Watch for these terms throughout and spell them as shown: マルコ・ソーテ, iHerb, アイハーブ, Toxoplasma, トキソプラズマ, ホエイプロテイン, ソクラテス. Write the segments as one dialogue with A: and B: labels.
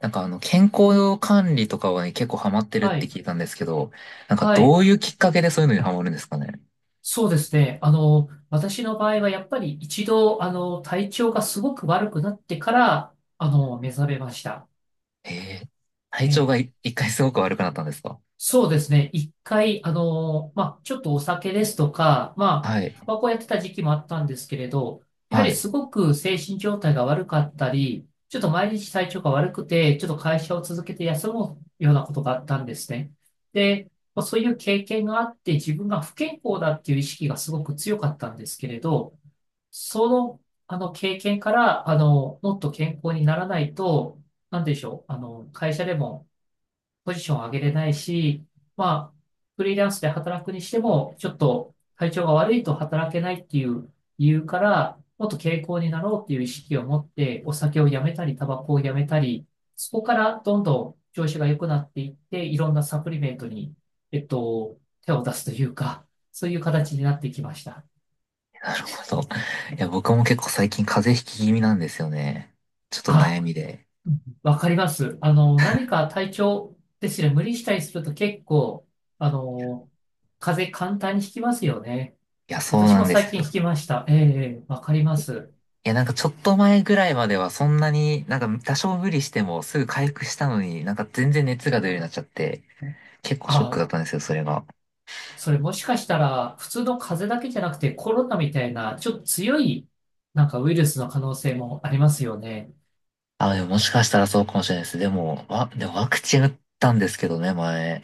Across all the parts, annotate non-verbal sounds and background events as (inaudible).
A: 健康管理とかはね、結構ハマってるっ
B: は
A: て
B: い。
A: 聞いたんですけど、なんか
B: は
A: ど
B: い。
A: ういうきっかけでそういうのにハマるんですかね。
B: そうですね。私の場合はやっぱり一度、体調がすごく悪くなってから、目覚めました。
A: へえ、体調
B: え
A: が
B: え、
A: い一回すごく悪くなったんですか？
B: そうですね。一回、まあ、ちょっとお酒ですとか、まあ、
A: は
B: タ
A: い。
B: バコやってた時期もあったんですけれど、やは
A: は
B: りす
A: い。
B: ごく精神状態が悪かったり、ちょっと毎日体調が悪くて、ちょっと会社を続けて休むようなことがあったんですね。で、まあそういう経験があって、自分が不健康だっていう意識がすごく強かったんですけれど、その、あの経験から、もっと健康にならないと、なんでしょう、会社でも、ポジションを上げれないし、まあ、フリーランスで働くにしても、ちょっと体調が悪いと働けないっていう理由から、もっと健康になろうっていう意識を持って、お酒をやめたり、タバコをやめたり、そこからどんどん調子が良くなっていって、いろんなサプリメントに、手を出すというか、そういう形になってきました。
A: なるほど。いや、僕も結構最近風邪ひき気味なんですよね。ちょっと
B: あ、
A: 悩みで。
B: わかります。何か体調ですね、無理したりすると結構、あの、風邪簡単にひきますよね。
A: いや、そう
B: 私
A: な
B: も
A: んで
B: 最
A: す
B: 近聞
A: よ。
B: きました。ええ、ええ、わかります。
A: いや、なんかちょっと前ぐらいまではそんなに、なんか多少無理してもすぐ回復したのに、なんか全然熱が出るようになっちゃって、結構ショック
B: あ、
A: だったんですよ、それが。
B: それもしかしたら、普通の風邪だけじゃなくてコロナみたいな、ちょっと強い、なんかウイルスの可能性もありますよね。
A: あ、でももしかしたらそうかもしれないです。でもワクチン打ったんですけどね、前。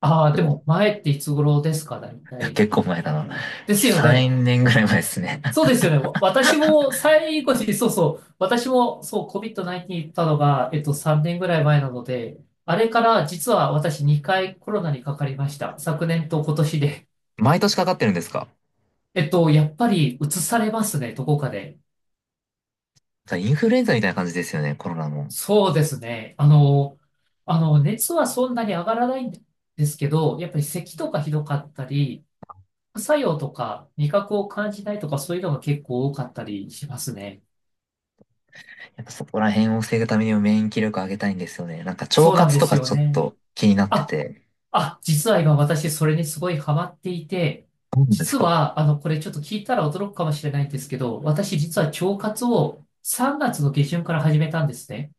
B: ああ、
A: で
B: で
A: も、
B: も前っていつ頃ですか、大
A: いや、
B: 体？
A: 結構前だな。
B: ですよね。
A: 3年ぐらい前ですね。
B: そうで
A: (laughs)
B: すよね。私も最後に、そうそう、私もそう COVID-19 行ったのが、3年ぐらい前なので、あれから実は私2回コロナにかかりました。昨年と今年で。
A: 毎年かかってるんですか？
B: やっぱり移されますね、どこかで。
A: だからインフルエンザみたいな感じですよね、コロナも。
B: そうですね。熱はそんなに上がらないんですけど、やっぱり咳とかひどかったり、副作用とか味覚を感じないとかそういうのが結構多かったりしますね。
A: やっぱそこら辺を防ぐためにも免疫力上げたいんですよね。なんか腸
B: そうなん
A: 活
B: で
A: と
B: す
A: か
B: よ
A: ちょっ
B: ね。
A: と気になって
B: あ、
A: て。
B: あ、実は今私それにすごいハマっていて、
A: そうなんです
B: 実
A: か？
B: は、これちょっと聞いたら驚くかもしれないんですけど、私実は腸活を3月の下旬から始めたんですね。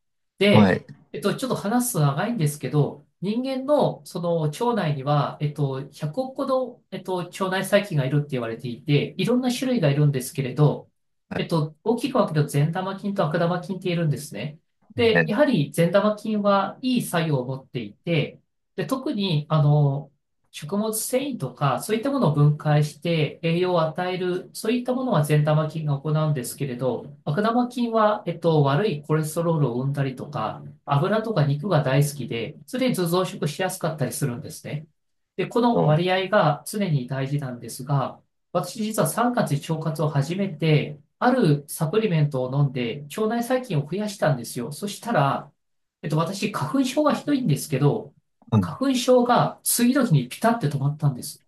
A: は
B: で、
A: い。
B: ちょっと話すの長いんですけど、人間のその腸内には、100億個の、腸内細菌がいるって言われていて、いろんな種類がいるんですけれど、
A: はい。
B: 大きく分けると善玉菌と悪玉菌っているんですね。
A: えっ
B: で、やはり善玉菌はいい作用を持っていて、で、特に、食物繊維とか、そういったものを分解して栄養を与える、そういったものは善玉菌が行うんですけれど、悪玉菌は、悪いコレステロールを生んだりとか、油とか肉が大好きで、常に増殖しやすかったりするんですね。で、こ
A: と、
B: の割合が常に大事なんですが、私実は3月に腸活を始めて、あるサプリメントを飲んで、腸内細菌を増やしたんですよ。そしたら、私、花粉症がひどいんですけど、
A: うん。
B: 花粉症が次の日にピタって止まったんです。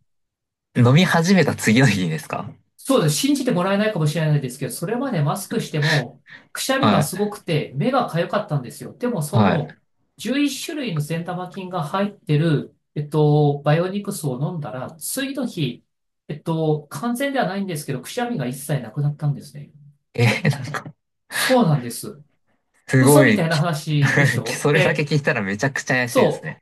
A: 飲み始めた次の日にですか？
B: そうです。信じてもらえないかもしれないですけど、それまでマスクしても、くしゃみ
A: は
B: が
A: い。
B: すごくて、目が痒かったんですよ。でも、
A: はい。
B: 11種類の善玉菌が入ってる、バイオニクスを飲んだら、次の日、完全ではないんですけど、くしゃみが一切なくなったんですね。
A: えーなんか、
B: そうなんです。
A: す
B: 嘘
A: ご
B: み
A: い、
B: たいな話でし
A: (laughs)
B: ょ、
A: それだけ
B: で、
A: 聞いたらめちゃくちゃ怪しいです
B: そ
A: ね。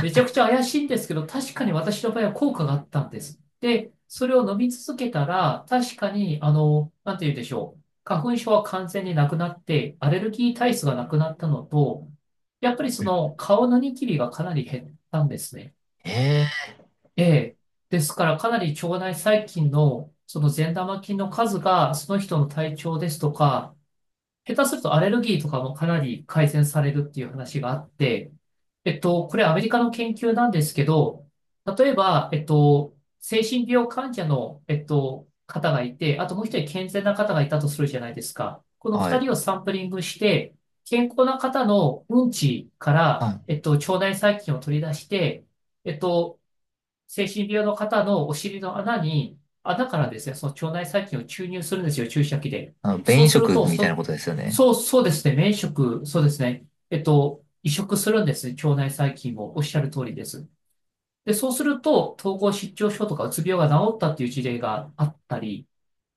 B: う。めちゃくちゃ怪しいんですけど、確かに私の場合は効果があったんです。で、それを飲み続けたら、確かに、なんて言うでしょう。花粉症は完全になくなって、アレルギー体質がなくなったのと、やっぱりその顔のニキビがかなり減ったんですね。
A: ええ。
B: ええ。ですから、かなり腸内細菌の、その善玉菌の数が、その人の体調ですとか、下手するとアレルギーとかもかなり改善されるっていう話があって、これアメリカの研究なんですけど、例えば、精神病患者の、方がいて、あともう一人健全な方がいたとするじゃないですか。この
A: は
B: 二
A: い。
B: 人をサンプリングして、健康な方のうんちから、
A: あ、
B: 腸内細菌を取り出して、えっと、精神病の方のお尻の穴に、穴からですね、その腸内細菌を注入するんですよ、注射器で。
A: あの、
B: そ
A: 便
B: う
A: 移
B: する
A: 植
B: と、
A: みたいなことですよね。
B: そうですね、免職、そうですね、移植するんですね、腸内細菌もおっしゃる通りです。で、そうすると、統合失調症とかうつ病が治ったっていう事例があったり、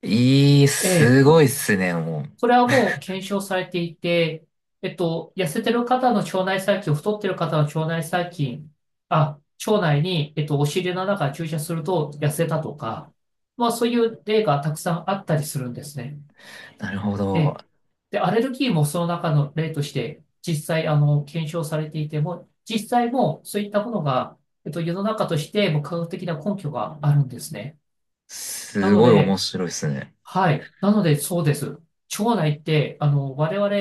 A: いい、
B: え
A: すご
B: え、
A: いっすね、も
B: それ
A: う。
B: はもう検証されていて、痩せてる方の腸内細菌、太ってる方の腸内細菌、あ、腸内に、お尻の中に注射すると痩せたとか、まあそういう例がたくさんあったりするんですね。
A: なるほ
B: え
A: ど。
B: え。で、アレルギーもその中の例として、実際、検証されていても、実際もそういったものが、世の中としても科学的な根拠があるんですね。な
A: す
B: の
A: ごい面
B: で、
A: 白いっすね。
B: はい。なので、そうです。腸内って、我々、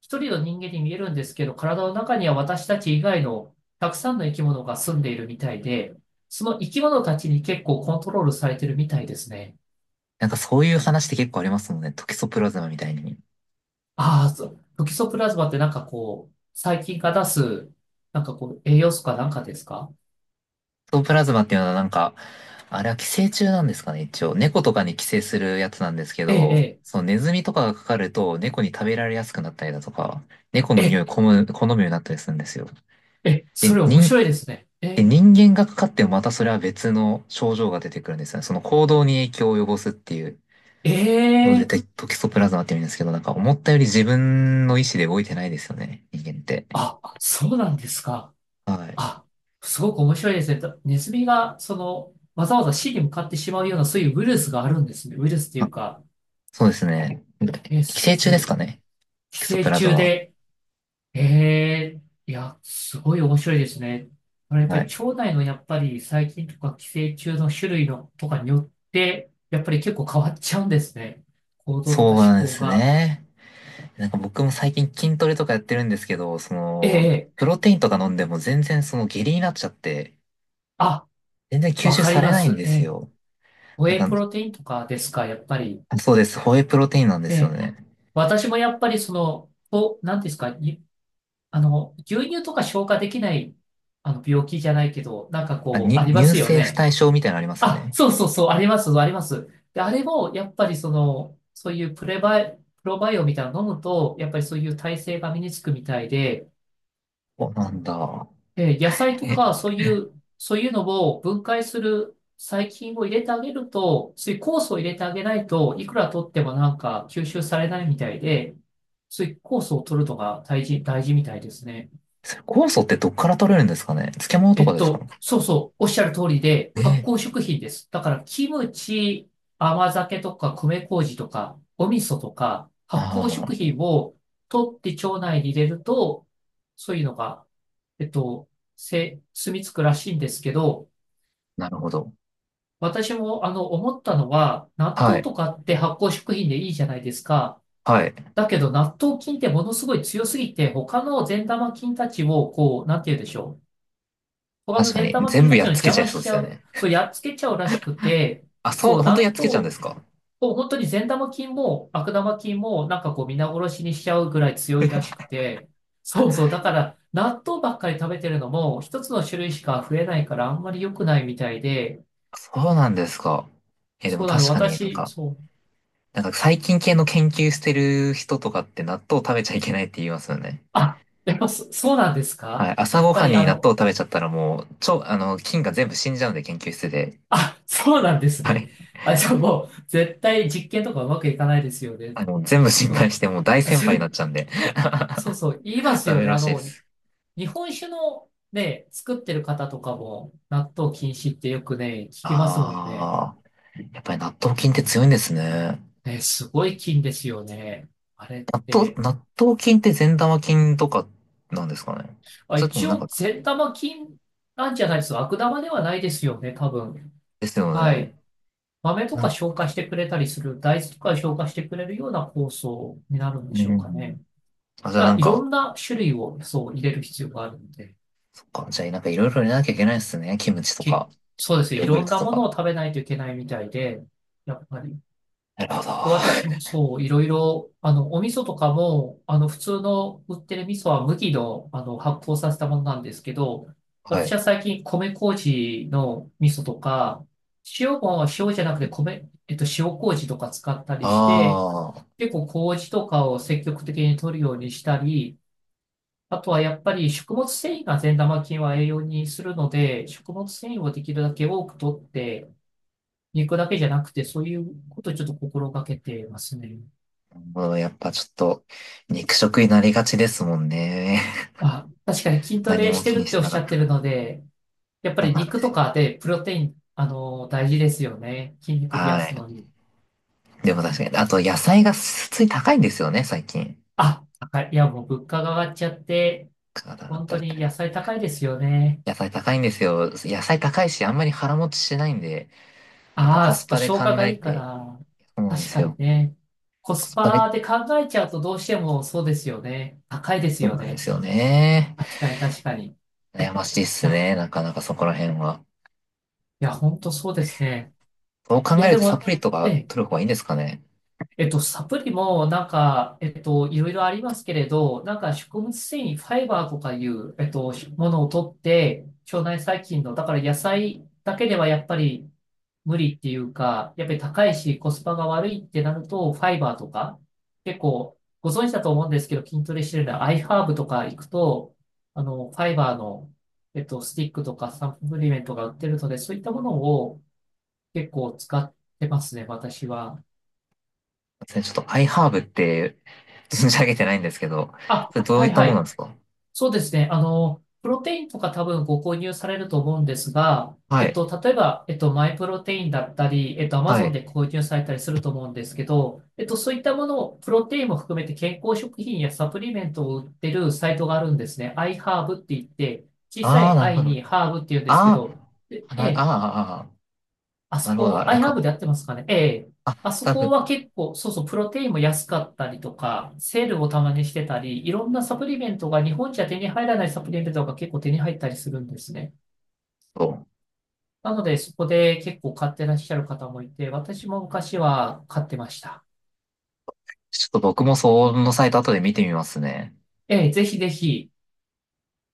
B: 一人の人間に見えるんですけど、体の中には私たち以外のたくさんの生き物が住んでいるみたいで、その生き物たちに結構コントロールされてるみたいですね。
A: なんかそういう話って結構ありますもんね。トキソプラズマみたいに。ト
B: ああ、そう。トキソプラズマってなんかこう、細菌が出す、なんかこう、栄養素かなんかですか？
A: キソプラズマっていうのはなんか、あれは寄生虫なんですかね、一応。猫とかに寄生するやつなんですけ
B: え
A: ど、
B: え、
A: そのネズミとかがかかると猫に食べられやすくなったりだとか、猫の
B: ええ、え
A: 匂い
B: え、
A: を好むようになったりするんですよ。
B: ええ、そ
A: で、
B: れ面
A: 人
B: 白いですね。
A: で、
B: え
A: 人間がかかってもまたそれは別の症状が出てくるんですよね。その行動に影響を及ぼすっていう
B: え、
A: の
B: え
A: で、
B: え、
A: テトキソプラズマって言うんですけど、なんか思ったより自分の意思で動いてないですよね、人間って。
B: あ、そうなんですか？
A: はい。
B: あ、すごく面白いですね。とネズミが、わざわざ死に向かってしまうような、そういうウイルスがあるんですね。ウイルスってい
A: あ、
B: うか、
A: そうですね。
B: え、
A: 寄生
B: す
A: 虫
B: ご
A: です
B: い。
A: かね、
B: 寄
A: トキソ
B: 生
A: プラズマ
B: 虫
A: は。
B: で、えいや、すごい面白いですね。これやっぱ
A: は
B: り
A: い。
B: 腸内のやっぱり細菌とか寄生虫の種類のとかによって、やっぱり結構変わっちゃうんですね。行動と
A: そ
B: か思
A: うなんで
B: 考
A: す
B: が。
A: ね。なんか僕も最近筋トレとかやってるんですけど、そ
B: え
A: の、
B: え、ええ、
A: プロテインとか飲んでも全然その下痢になっちゃって、
B: あ、
A: 全然吸
B: わ
A: 収
B: か
A: さ
B: り
A: れ
B: ま
A: ないん
B: す。
A: で
B: え
A: す
B: え、
A: よ。
B: ホ
A: なん
B: エイ
A: か、
B: プロテインとかですか、やっぱり？
A: そうです。ホエイプロテインなんで
B: え
A: すよ
B: え、
A: ね。
B: 私もやっぱりこう、なんていうんですか、牛乳とか消化できない、病気じゃないけど、なんかこう、ありま
A: 乳
B: すよ
A: 政不
B: ね。
A: 対症みたいなのありますよ
B: あ、
A: ね。
B: そうそうそう、あります、あります。で、あれも、やっぱりそういうプロバイオみたいなの飲むと、やっぱりそういう耐性が身につくみたいで、
A: お、なんだ。
B: え、野菜と
A: え、
B: か、そういうのを分解する細菌を入れてあげると、そういう酵素を入れてあげないといくら取ってもなんか吸収されないみたいで、そういう酵素を取るのが大事、大事みたいですね。
A: それ酵素ってどっから取れるんですかね？漬物とかですか？
B: おっしゃる通りで、発
A: ね
B: 酵
A: え、
B: 食品です。だから、キムチ、甘酒とか、米麹とか、お味噌とか、発酵
A: ああ、
B: 食品を取って腸内に入れると、そういうのが、えっと、せ、住み着くらしいんですけど、
A: なるほど。
B: 私も思ったのは、納
A: は
B: 豆と
A: い。
B: かって発酵食品でいいじゃないですか。
A: はい。
B: だけど、納豆菌ってものすごい強すぎて、他の善玉菌たちを、こう、なんて言うでしょう。トカゲ
A: 確か
B: 善
A: に。
B: 玉
A: 全
B: 菌
A: 部
B: たち
A: やっ
B: の
A: つけ
B: 邪
A: ちゃい
B: 魔
A: そ
B: し
A: うで
B: ち
A: す
B: ゃ
A: よ
B: う。
A: ね。
B: そう、やっつけちゃうらしくて、
A: あ、そう、
B: そう、
A: 本当にや
B: 納
A: っつけ
B: 豆
A: ちゃうんですか？
B: を本当に善玉菌も悪玉菌もなんかこう皆殺しにしちゃうぐらい強いらしく
A: (laughs)
B: て、そう、だから納豆ばっかり食べてるのも一つの種類しか増えないからあんまり良くないみたいで、
A: そうなんですか。え、でも
B: そうなの、
A: 確かになん
B: 私、
A: か、
B: そう、
A: なんか細菌系の研究してる人とかって納豆食べちゃいけないって言いますよね。
B: あ、やっぱそ、そうなんです
A: は
B: か？
A: い。朝
B: やっ
A: ご
B: ぱ
A: はん
B: り
A: に
B: あ
A: 納
B: の、
A: 豆食べちゃったらもう、超、あの、菌が全部死んじゃうんで研究室で。
B: あ、そうなんです
A: は
B: ね。
A: い。
B: あ、じゃあもう絶対実験とかうまくいかないですよね。
A: あの、全部心配
B: そ
A: してもう大
B: う。
A: 先輩になっちゃ
B: (laughs)
A: うんで
B: そうそう、言いま
A: (laughs)
B: す
A: ダ
B: よ
A: メ
B: ね。
A: らしいです。
B: 日本酒のね、作ってる方とかも、納豆禁止ってよくね、聞きますもんね。
A: ああ、やっぱり納豆菌って強いんですね。
B: ね、すごい菌ですよね。あれって。
A: 納豆菌って善玉菌とかなんですかね。
B: あ、
A: それとも
B: 一
A: なんか、
B: 応、善玉菌なんじゃないですか。悪玉ではないですよね、多分。
A: ですよ
B: はい。
A: ね。
B: 豆と
A: う
B: か
A: ん。
B: 消化してくれたりする、大豆とか消化してくれるような酵素になるんで
A: う
B: しょうか
A: ん。
B: ね。
A: あ、じゃ
B: だ
A: あ
B: か
A: な
B: ら
A: ん
B: いろ
A: か、
B: んな種類をそう入れる必要があるので、
A: そっか。じゃあなんかいろいろ入れなきゃいけないですね。キムチと
B: け、
A: か、
B: そうですね。
A: ヨ
B: い
A: ーグル
B: ろん
A: ト
B: な
A: と
B: もの
A: か。
B: を食べないといけないみたいで、やっぱり。
A: なるほど。
B: 私もいろいろ、お味噌とかも、普通の売ってる味噌は麦の、発酵させたものなんですけど、
A: は
B: 私
A: い。
B: は最近米麹の味噌とか、塩も塩じゃなくて米、塩麹とか使ったりして、
A: ああ、
B: 結構麹とかを積極的に取るようにしたり、あとはやっぱり食物繊維が善玉菌は栄養にするので、食物繊維をできるだけ多く取って、肉だけじゃなくて、そういうことをちょっと心がけてますね。
A: もうやっぱちょっと、肉食になりがちですもんね。
B: あ、確かに筋
A: (laughs)
B: ト
A: 何
B: レ
A: も
B: して
A: 気に
B: るっ
A: し
B: てお
A: て
B: っ
A: なか
B: しゃ
A: っ
B: っ
A: た
B: てる
A: ら。
B: ので、やっぱ
A: そう
B: り
A: なんで
B: 肉と
A: すよ。
B: かでプロテイン、大事ですよね。筋肉増や
A: は
B: す
A: い。
B: のに。
A: でも確かに、あと野菜が普通に高いんですよね、最近。
B: あ、高い。いや、もう物価が上がっちゃって、
A: だから
B: 本
A: だ
B: 当
A: っ
B: に
A: て
B: 野菜高いですよね。
A: 野菜高いんですよ。野菜高いし、あんまり腹持ちしないんで、やっぱ
B: あ
A: コ
B: あ、そ
A: ス
B: っか、
A: パで
B: 消
A: 考
B: 化が
A: え
B: いいか
A: て、
B: ら。
A: そうなんで
B: 確
A: す
B: かに
A: よ。
B: ね。コ
A: コ
B: ス
A: スパで、
B: パで考えちゃうとどうしてもそうですよね。高いです
A: そう
B: よ
A: なんで
B: ね。
A: すよね。
B: 確かに、確かに。
A: 悩ましいっす
B: や、
A: ね、なかなかそこら辺は。
B: いや、本当そうですね。
A: そう考
B: いや、
A: える
B: で
A: とサ
B: も、
A: プリと
B: え
A: か
B: え
A: 取る方がいいんですかね。
B: サプリも、いろいろありますけれど、食物繊維、ファイバーとかいう、ものを取って、腸内細菌の、だから野菜だけではやっぱり無理っていうか、やっぱり高いし、コスパが悪いってなると、ファイバーとか、結構、ご存知だと思うんですけど、筋トレしてるのは、アイハーブとか行くと、ファイバーの、スティックとかサプリメントが売ってるので、そういったものを結構使ってますね、私は。
A: すいませんちょっとアイハーブって存じ上げてないんですけど、
B: あ、
A: それどう
B: は
A: い
B: い
A: った
B: は
A: ものなん
B: い。
A: ですか？
B: そうですね。プロテインとか多分ご購入されると思うんですが、
A: はい。
B: 例えば、マイプロテインだったり、アマ
A: は
B: ゾン
A: い。
B: で購入されたりすると思うんですけど、そういったものを、プロテインも含めて健康食品やサプリメントを売ってるサイトがあるんですね。iHerb って言って、小さ
A: ああ、
B: い
A: なるほ
B: i
A: ど。あ
B: にハーブって言うんですけど、で
A: あ、
B: え
A: な、あー
B: え、
A: あー、あ
B: あ
A: ー
B: そ
A: なるほど、
B: こ、
A: あ
B: ア
A: れ
B: イハーブ
A: か。
B: でやってますかねええ。
A: あ、
B: あそ
A: 多
B: こ
A: く
B: は結構、プロテインも安かったりとか、セールをたまにしてたり、いろんなサプリメントが日本じゃ手に入らないサプリメントが結構手に入ったりするんですね。
A: そう。
B: なので、そこで結構買ってらっしゃる方もいて、私も昔は買ってました。
A: ちょっと僕もそのサイト後で見てみますね。
B: ええ、ぜひぜひ。